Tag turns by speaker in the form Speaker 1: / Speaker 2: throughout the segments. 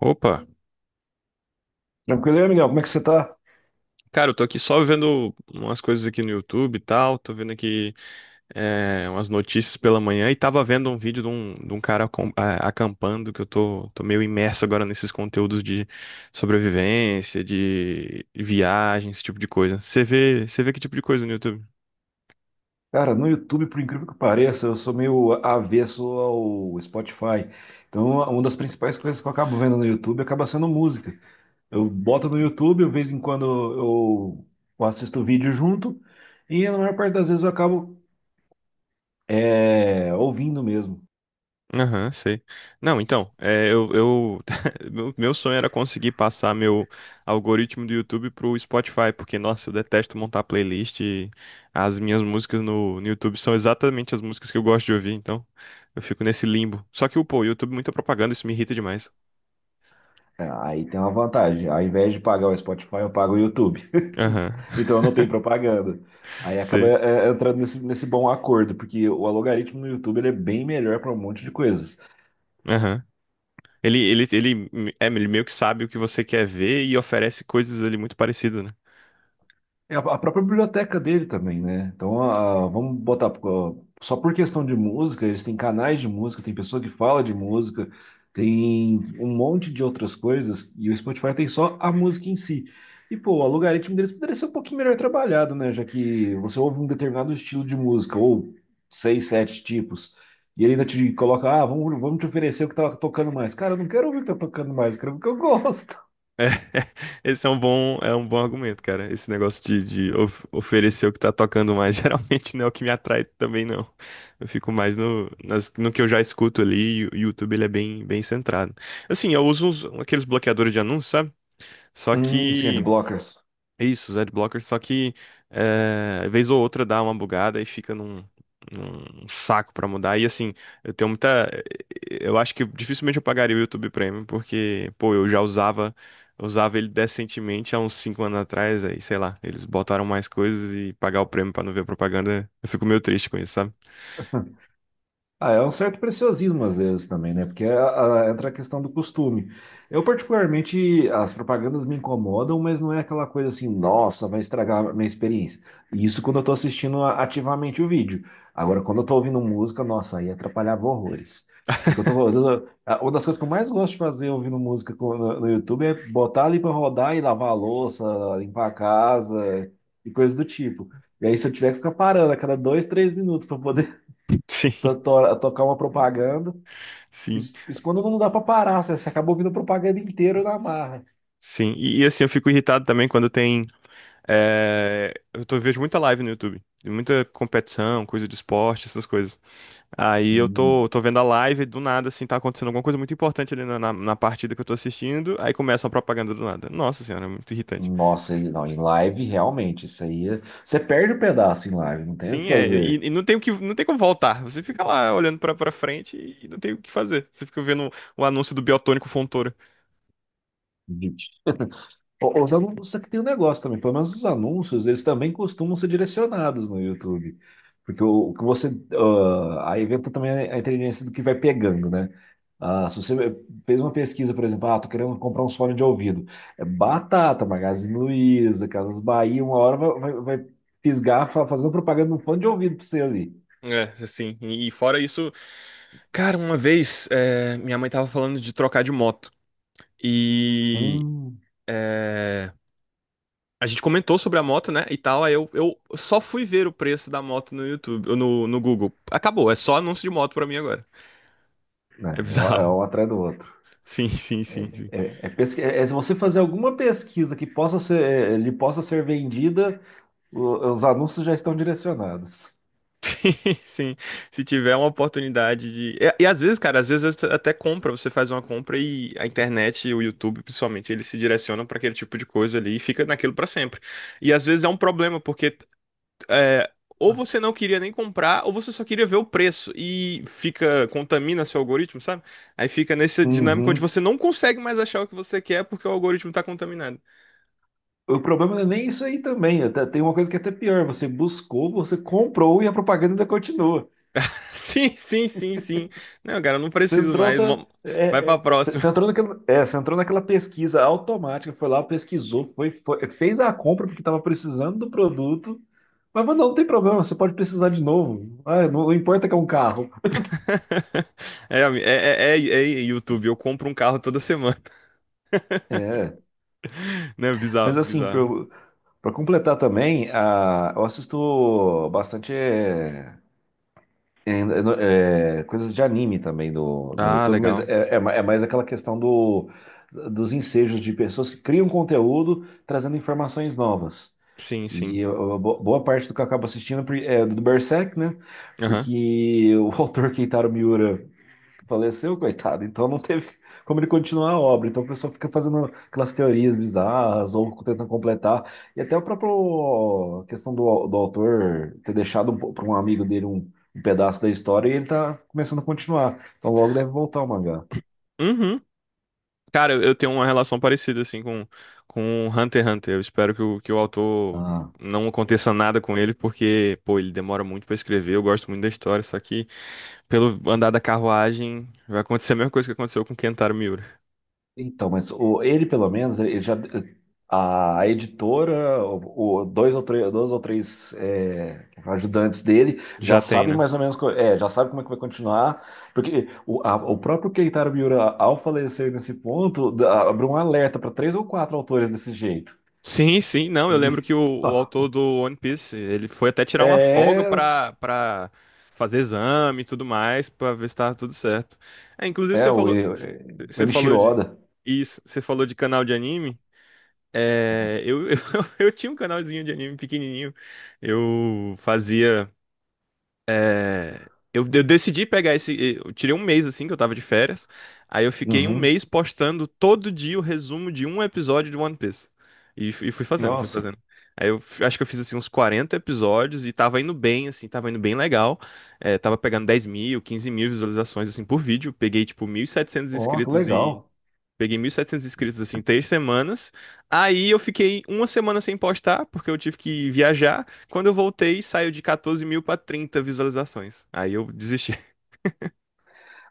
Speaker 1: Opa,
Speaker 2: Tranquilo, e aí, Miguel? Como é que você tá?
Speaker 1: cara, eu tô aqui só vendo umas coisas aqui no YouTube e tal, tô vendo aqui umas notícias pela manhã e tava vendo um vídeo de um cara acampando, que eu tô meio imerso agora nesses conteúdos de sobrevivência, de viagem, esse tipo de coisa. Você vê que tipo de coisa no YouTube?
Speaker 2: Cara, no YouTube, por incrível que pareça, eu sou meio avesso ao Spotify. Então, uma das principais coisas que eu acabo vendo no YouTube acaba sendo música. Eu boto no YouTube, de vez em quando eu assisto vídeo junto, e na maior parte das vezes eu acabo ouvindo mesmo.
Speaker 1: Aham, sei. Não, então, é, eu meu sonho era conseguir passar meu algoritmo do YouTube pro Spotify, porque, nossa, eu detesto montar playlist e as minhas músicas no, no YouTube são exatamente as músicas que eu gosto de ouvir, então eu fico nesse limbo. Só que, pô, o YouTube é muita propaganda, isso me irrita demais.
Speaker 2: É, aí tem uma vantagem. Ao invés de pagar o Spotify, eu pago o YouTube.
Speaker 1: Aham,
Speaker 2: Então eu não tenho propaganda. Aí acaba
Speaker 1: sei.
Speaker 2: entrando nesse bom acordo, porque o algoritmo no YouTube ele é bem melhor para um monte de coisas.
Speaker 1: Aham. Ele, é, ele meio que sabe o que você quer ver e oferece coisas ali muito parecidas, né?
Speaker 2: É a própria biblioteca dele também, né? Então, vamos botar, ó, só por questão de música, eles têm canais de música, tem pessoa que fala de música, tem um monte de outras coisas, e o Spotify tem só a música em si. E, pô, o algoritmo deles poderia ser um pouquinho melhor trabalhado, né? Já que você ouve um determinado estilo de música, ou seis, sete tipos, e ele ainda te coloca, ah, vamos te oferecer o que tá tocando mais. Cara, eu não quero ouvir o que tá tocando mais, eu quero ouvir o que eu gosto.
Speaker 1: Esse é um bom argumento, cara. Esse negócio de, de oferecer o que tá tocando mais, geralmente não é o que me atrai também, não. Eu fico mais no, no que eu já escuto ali, e o YouTube ele é bem, bem centrado. Assim, eu uso aqueles bloqueadores de anúncios, sabe? Só
Speaker 2: Sim,
Speaker 1: que
Speaker 2: adblockers.
Speaker 1: isso, os adblockers, só que vez ou outra dá uma bugada e fica num, num saco pra mudar. E assim, eu tenho muita. Eu acho que dificilmente eu pagaria o YouTube Premium, porque, pô, eu já usava ele decentemente há uns 5 anos atrás, aí, sei lá, eles botaram mais coisas e pagar o prêmio pra não ver a propaganda, eu fico meio triste com isso, sabe?
Speaker 2: Ah, é um certo preciosismo às vezes também, né? Porque entra a questão do costume. Eu, particularmente, as propagandas me incomodam, mas não é aquela coisa assim, nossa, vai estragar a minha experiência. Isso quando eu tô assistindo ativamente o vídeo. Agora, quando eu tô ouvindo música, nossa, aí atrapalhava horrores. Porque eu tô, às vezes, uma das coisas que eu mais gosto de fazer ouvindo música no YouTube é botar ali pra rodar e lavar a louça, limpar a casa e coisas do tipo. E aí, se eu tiver que ficar parando a cada dois, três minutos para poder
Speaker 1: Sim,
Speaker 2: tocar uma propaganda.
Speaker 1: sim,
Speaker 2: Isso quando não dá pra parar, você acaba ouvindo a propaganda inteira na marra.
Speaker 1: sim. E, assim, eu fico irritado também quando tem. Eu tô, vejo muita live no YouTube. Muita competição, coisa de esporte, essas coisas. Aí eu tô,
Speaker 2: Hum,
Speaker 1: tô vendo a live, do nada, assim, tá acontecendo alguma coisa muito importante ali na partida que eu tô assistindo, aí começa uma propaganda do nada. Nossa senhora, é muito irritante.
Speaker 2: Nossa, e não, em live realmente, isso aí. Você perde o pedaço em live, não tem o que
Speaker 1: Sim, é,
Speaker 2: fazer.
Speaker 1: e não tem o que, não tem como voltar. Você fica lá olhando pra frente e não tem o que fazer. Você fica vendo o anúncio do Biotônico Fontoura.
Speaker 2: Os anúncios aqui tem um negócio também, pelo menos os anúncios, eles também costumam ser direcionados no YouTube. Porque o que você. Ah, aí entra também a inteligência do que vai pegando, né? Ah, se você fez uma pesquisa, por exemplo, ah, tô querendo comprar um fone de ouvido. É batata, Magazine Luiza, Casas Bahia, uma hora vai fisgar fazendo propaganda de um fone de ouvido pra você ali.
Speaker 1: É, assim, e fora isso, cara, uma vez, é, minha mãe tava falando de trocar de moto. E.
Speaker 2: Hum,
Speaker 1: A gente comentou sobre a moto, né, e tal, aí eu só fui ver o preço da moto no YouTube, no, no Google. Acabou, é só anúncio de moto pra mim agora. É
Speaker 2: né, é
Speaker 1: bizarro.
Speaker 2: um atrás do outro.
Speaker 1: Sim, sim, sim, sim.
Speaker 2: É, é se você fazer alguma pesquisa que possa ser, é, lhe possa ser vendida. Os anúncios já estão direcionados.
Speaker 1: Sim. Se tiver uma oportunidade de. E às vezes, cara, às vezes você até compra, você faz uma compra e a internet e o YouTube, principalmente, eles se direcionam pra aquele tipo de coisa ali e fica naquilo pra sempre. E às vezes é um problema, porque é, ou você não queria nem comprar, ou você só queria ver o preço e fica, contamina seu algoritmo, sabe? Aí fica nessa dinâmica onde
Speaker 2: Uhum.
Speaker 1: você não consegue mais achar o que você quer porque o algoritmo tá contaminado.
Speaker 2: O problema não é nem isso aí também. Tem uma coisa que é até pior. Você buscou, você comprou e a propaganda ainda continua.
Speaker 1: Sim, sim, sim, sim. Não, cara, eu não
Speaker 2: Você
Speaker 1: preciso
Speaker 2: entrou,
Speaker 1: mais. Mo- Vai pra próxima.
Speaker 2: você entrou naquela, você entrou naquela pesquisa automática, foi lá, pesquisou, fez a compra porque estava precisando do produto. Mas não tem problema, você pode precisar de novo. Ah, não, não importa que é um carro.
Speaker 1: É, é YouTube, eu compro um carro toda semana.
Speaker 2: É,
Speaker 1: Né? Bizarro,
Speaker 2: mas assim,
Speaker 1: bizarro.
Speaker 2: para completar também, ah, eu assisto bastante. É, é, coisas de anime também no
Speaker 1: Ah,
Speaker 2: YouTube, mas
Speaker 1: legal.
Speaker 2: é mais aquela questão do, dos ensejos de pessoas que criam conteúdo trazendo informações novas.
Speaker 1: Sim, sim.
Speaker 2: E boa parte do que eu acabo assistindo é é do Berserk, né?
Speaker 1: Aham.
Speaker 2: Porque o autor Keitaro Miura faleceu, coitado. Então não teve como ele continuar a obra. Então o pessoal fica fazendo aquelas teorias bizarras ou tentando completar. E até a própria questão do, do autor ter deixado para um amigo dele um, um pedaço da história e ele tá começando a continuar. Então logo deve voltar o mangá.
Speaker 1: Uhum. Cara, eu tenho uma relação parecida, assim, com Hunter x Hunter. Eu espero que o autor
Speaker 2: Ah,
Speaker 1: não aconteça nada com ele, porque, pô, ele demora muito pra escrever. Eu gosto muito da história, só que pelo andar da carruagem vai acontecer a mesma coisa que aconteceu com Kentaro Miura.
Speaker 2: então, mas ele, pelo menos, ele já, a editora, dois ou três, ajudantes dele
Speaker 1: Já
Speaker 2: já
Speaker 1: tem,
Speaker 2: sabem
Speaker 1: né?
Speaker 2: mais ou menos, já sabe como é que vai continuar, porque o próprio Keitaro Miura, ao falecer nesse ponto, abriu um alerta para três ou quatro autores desse jeito.
Speaker 1: Sim, sim, não.
Speaker 2: E,
Speaker 1: Eu lembro que o autor
Speaker 2: ó,
Speaker 1: do One Piece, ele foi até tirar uma folga
Speaker 2: é,
Speaker 1: pra fazer exame e tudo mais, pra ver se tava tudo certo. É, inclusive,
Speaker 2: é o, é, o
Speaker 1: você falou
Speaker 2: Enichiro
Speaker 1: de.
Speaker 2: Oda.
Speaker 1: Isso, você falou de canal de anime. É, eu, eu tinha um canalzinho de anime pequenininho. Eu fazia. É, eu decidi pegar esse. Eu tirei um mês assim, que eu tava de férias. Aí eu fiquei um
Speaker 2: Uhum.
Speaker 1: mês postando todo dia o resumo de um episódio de One Piece. E, e fui fazendo, fui
Speaker 2: Nossa,
Speaker 1: fazendo. Aí eu acho que eu fiz assim uns 40 episódios e tava indo bem, assim, tava indo bem legal. É, tava pegando 10 mil, 15 mil visualizações assim por vídeo. Peguei tipo 1.700
Speaker 2: ó, que
Speaker 1: inscritos.
Speaker 2: legal.
Speaker 1: Peguei 1.700 inscritos assim, em três semanas. Aí eu fiquei uma semana sem postar, porque eu tive que viajar. Quando eu voltei, saiu de 14 mil para 30 visualizações. Aí eu desisti.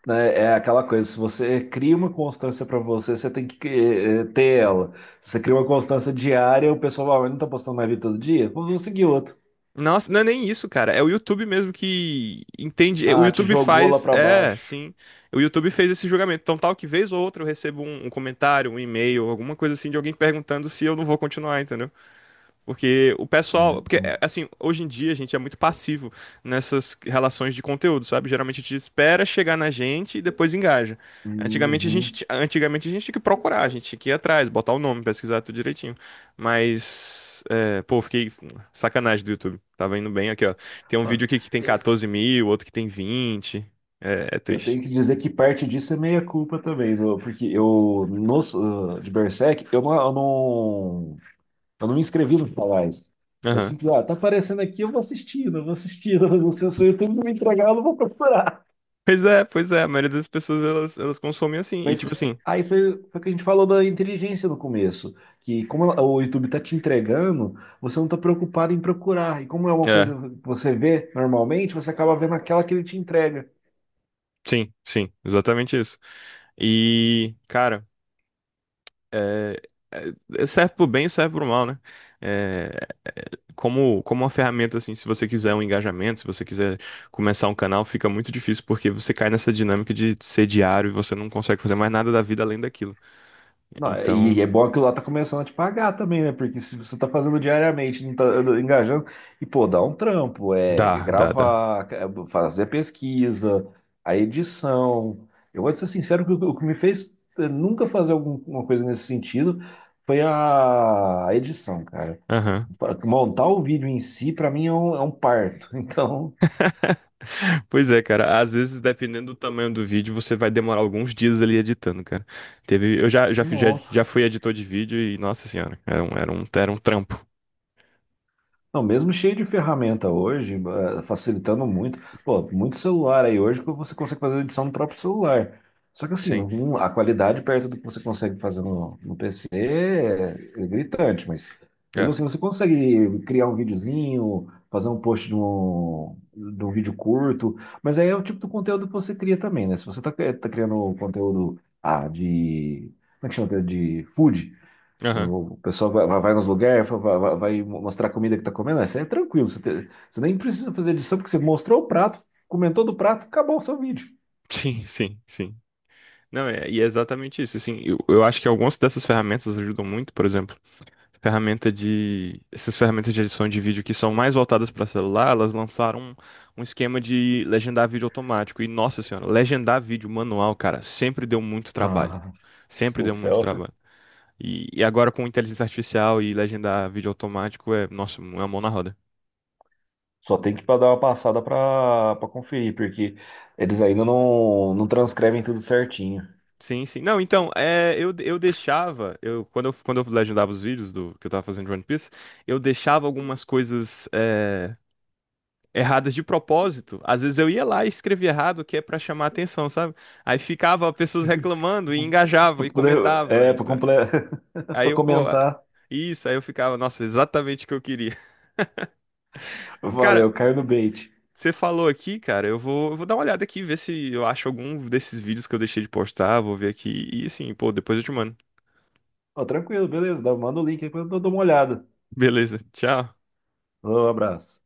Speaker 2: Né, é aquela coisa, se você cria uma constância para você, você tem que ter ela. Se você cria uma constância diária, o pessoal fala, "Ah, mas não tá postando mais vídeo todo dia? Vamos seguir outro."
Speaker 1: Nossa, não é nem isso, cara. É o YouTube mesmo que entende. O
Speaker 2: Ah, te
Speaker 1: YouTube
Speaker 2: jogou lá
Speaker 1: faz.
Speaker 2: para
Speaker 1: É,
Speaker 2: baixo.
Speaker 1: sim. O YouTube fez esse julgamento. Então, tal que vez ou outra, eu recebo um, um comentário, um e-mail, alguma coisa assim de alguém perguntando se eu não vou continuar, entendeu? Porque o pessoal.
Speaker 2: Né?
Speaker 1: Porque, é, assim, hoje em dia a gente é muito passivo nessas relações de conteúdo, sabe? Geralmente a gente espera chegar na gente e depois engaja. Antigamente a gente,
Speaker 2: Uhum.
Speaker 1: antigamente a gente tinha que procurar, a gente tinha que ir atrás, botar o nome, pesquisar tudo direitinho. Mas. É, pô, fiquei. Sacanagem do YouTube. Tava indo bem aqui, ó. Tem um
Speaker 2: Ah,
Speaker 1: vídeo aqui que tem 14 mil, outro que tem vinte. É, é
Speaker 2: eu tenho
Speaker 1: triste.
Speaker 2: que dizer que parte disso é meia culpa também, porque eu, no, de Berserk, eu não me inscrevi no Palais. Eu
Speaker 1: Aham.
Speaker 2: simplesmente, ah, tá aparecendo aqui, eu vou assistindo, mas não sei se o YouTube não me entregar, eu não vou procurar.
Speaker 1: Pois é, pois é. A maioria das pessoas elas, elas consomem assim. E
Speaker 2: Mas
Speaker 1: tipo assim.
Speaker 2: aí foi, foi o que a gente falou da inteligência no começo, que como o YouTube está te entregando, você não está preocupado em procurar. E como é uma
Speaker 1: É,
Speaker 2: coisa que você vê normalmente, você acaba vendo aquela que ele te entrega.
Speaker 1: sim, sim, exatamente isso. E, cara, é, é- é, serve pro bem e serve pro mal, né? É, como, como uma ferramenta, assim, se você quiser um engajamento, se você quiser começar um canal, fica muito difícil porque você cai nessa dinâmica de ser diário e você não consegue fazer mais nada da vida além daquilo.
Speaker 2: Não, e
Speaker 1: Então,
Speaker 2: é bom que lá tá começando a te pagar também, né? Porque se você tá fazendo diariamente, não tá engajando, e pô, dá um trampo, é
Speaker 1: dá, dá, dá.
Speaker 2: gravar, é fazer a pesquisa, a edição. Eu vou te ser sincero que o que me fez nunca fazer alguma coisa nesse sentido foi a edição, cara.
Speaker 1: Aham.
Speaker 2: Montar o vídeo em si, pra mim, é um parto. Então,
Speaker 1: Pois é, cara. Às vezes, dependendo do tamanho do vídeo, você vai demorar alguns dias ali editando, cara. Teve, eu fiz- já, já
Speaker 2: nossa.
Speaker 1: fui editor de vídeo e, nossa senhora, era um trampo.
Speaker 2: Não, mesmo cheio de ferramenta hoje, facilitando muito. Pô, muito celular aí hoje que você consegue fazer edição no próprio celular. Só que assim,
Speaker 1: Sim.
Speaker 2: a qualidade perto do que você consegue fazer no PC é, é gritante, mas mesmo assim você consegue criar um videozinho, fazer um post de um vídeo curto, mas aí é o tipo do conteúdo que você cria também, né? Se você tá, tá criando conteúdo, ah, de. Como é que chama, aquele? De food.
Speaker 1: Aham.
Speaker 2: O pessoal vai, vai nos lugares, vai mostrar a comida que tá comendo. Isso aí é tranquilo. Você nem precisa fazer edição, porque você mostrou o prato, comentou do prato, acabou o seu vídeo.
Speaker 1: Sim, sim, sim. Não, é, e é exatamente isso. Assim, eu acho que algumas dessas ferramentas ajudam muito, por exemplo, ferramenta de, essas ferramentas de edição de vídeo que são mais voltadas para celular, elas lançaram um, um esquema de legendar vídeo automático. E, nossa senhora, legendar vídeo manual, cara, sempre deu muito trabalho.
Speaker 2: Nossa
Speaker 1: Sempre
Speaker 2: do
Speaker 1: deu muito
Speaker 2: céu.
Speaker 1: trabalho. E agora com inteligência artificial e legendar vídeo automático é, nossa, é uma mão na roda.
Speaker 2: Só tem que dar uma passada para pra conferir, porque eles ainda não transcrevem tudo certinho.
Speaker 1: Sim, sim. Não, então, é, eu deixava, eu, quando eu, quando eu legendava os vídeos do que eu tava fazendo de One Piece, eu deixava algumas coisas erradas de propósito. Às vezes eu ia lá e escrevia errado, que é pra chamar atenção, sabe? Aí ficava pessoas reclamando e engajava
Speaker 2: Pra
Speaker 1: e
Speaker 2: poder,
Speaker 1: comentava.
Speaker 2: é, para
Speaker 1: Então,
Speaker 2: comple...
Speaker 1: aí
Speaker 2: pra
Speaker 1: eu, pô,
Speaker 2: comentar.
Speaker 1: isso, aí eu ficava, nossa, exatamente o que eu queria. Cara,
Speaker 2: Valeu, caiu no bait.
Speaker 1: você falou aqui, cara, eu vou dar uma olhada aqui, ver se eu acho algum desses vídeos que eu deixei de postar, vou ver aqui e assim, pô, depois eu te mando.
Speaker 2: Ó, tranquilo, beleza. Manda o link aí que eu dou uma olhada.
Speaker 1: Beleza, tchau.
Speaker 2: Um abraço.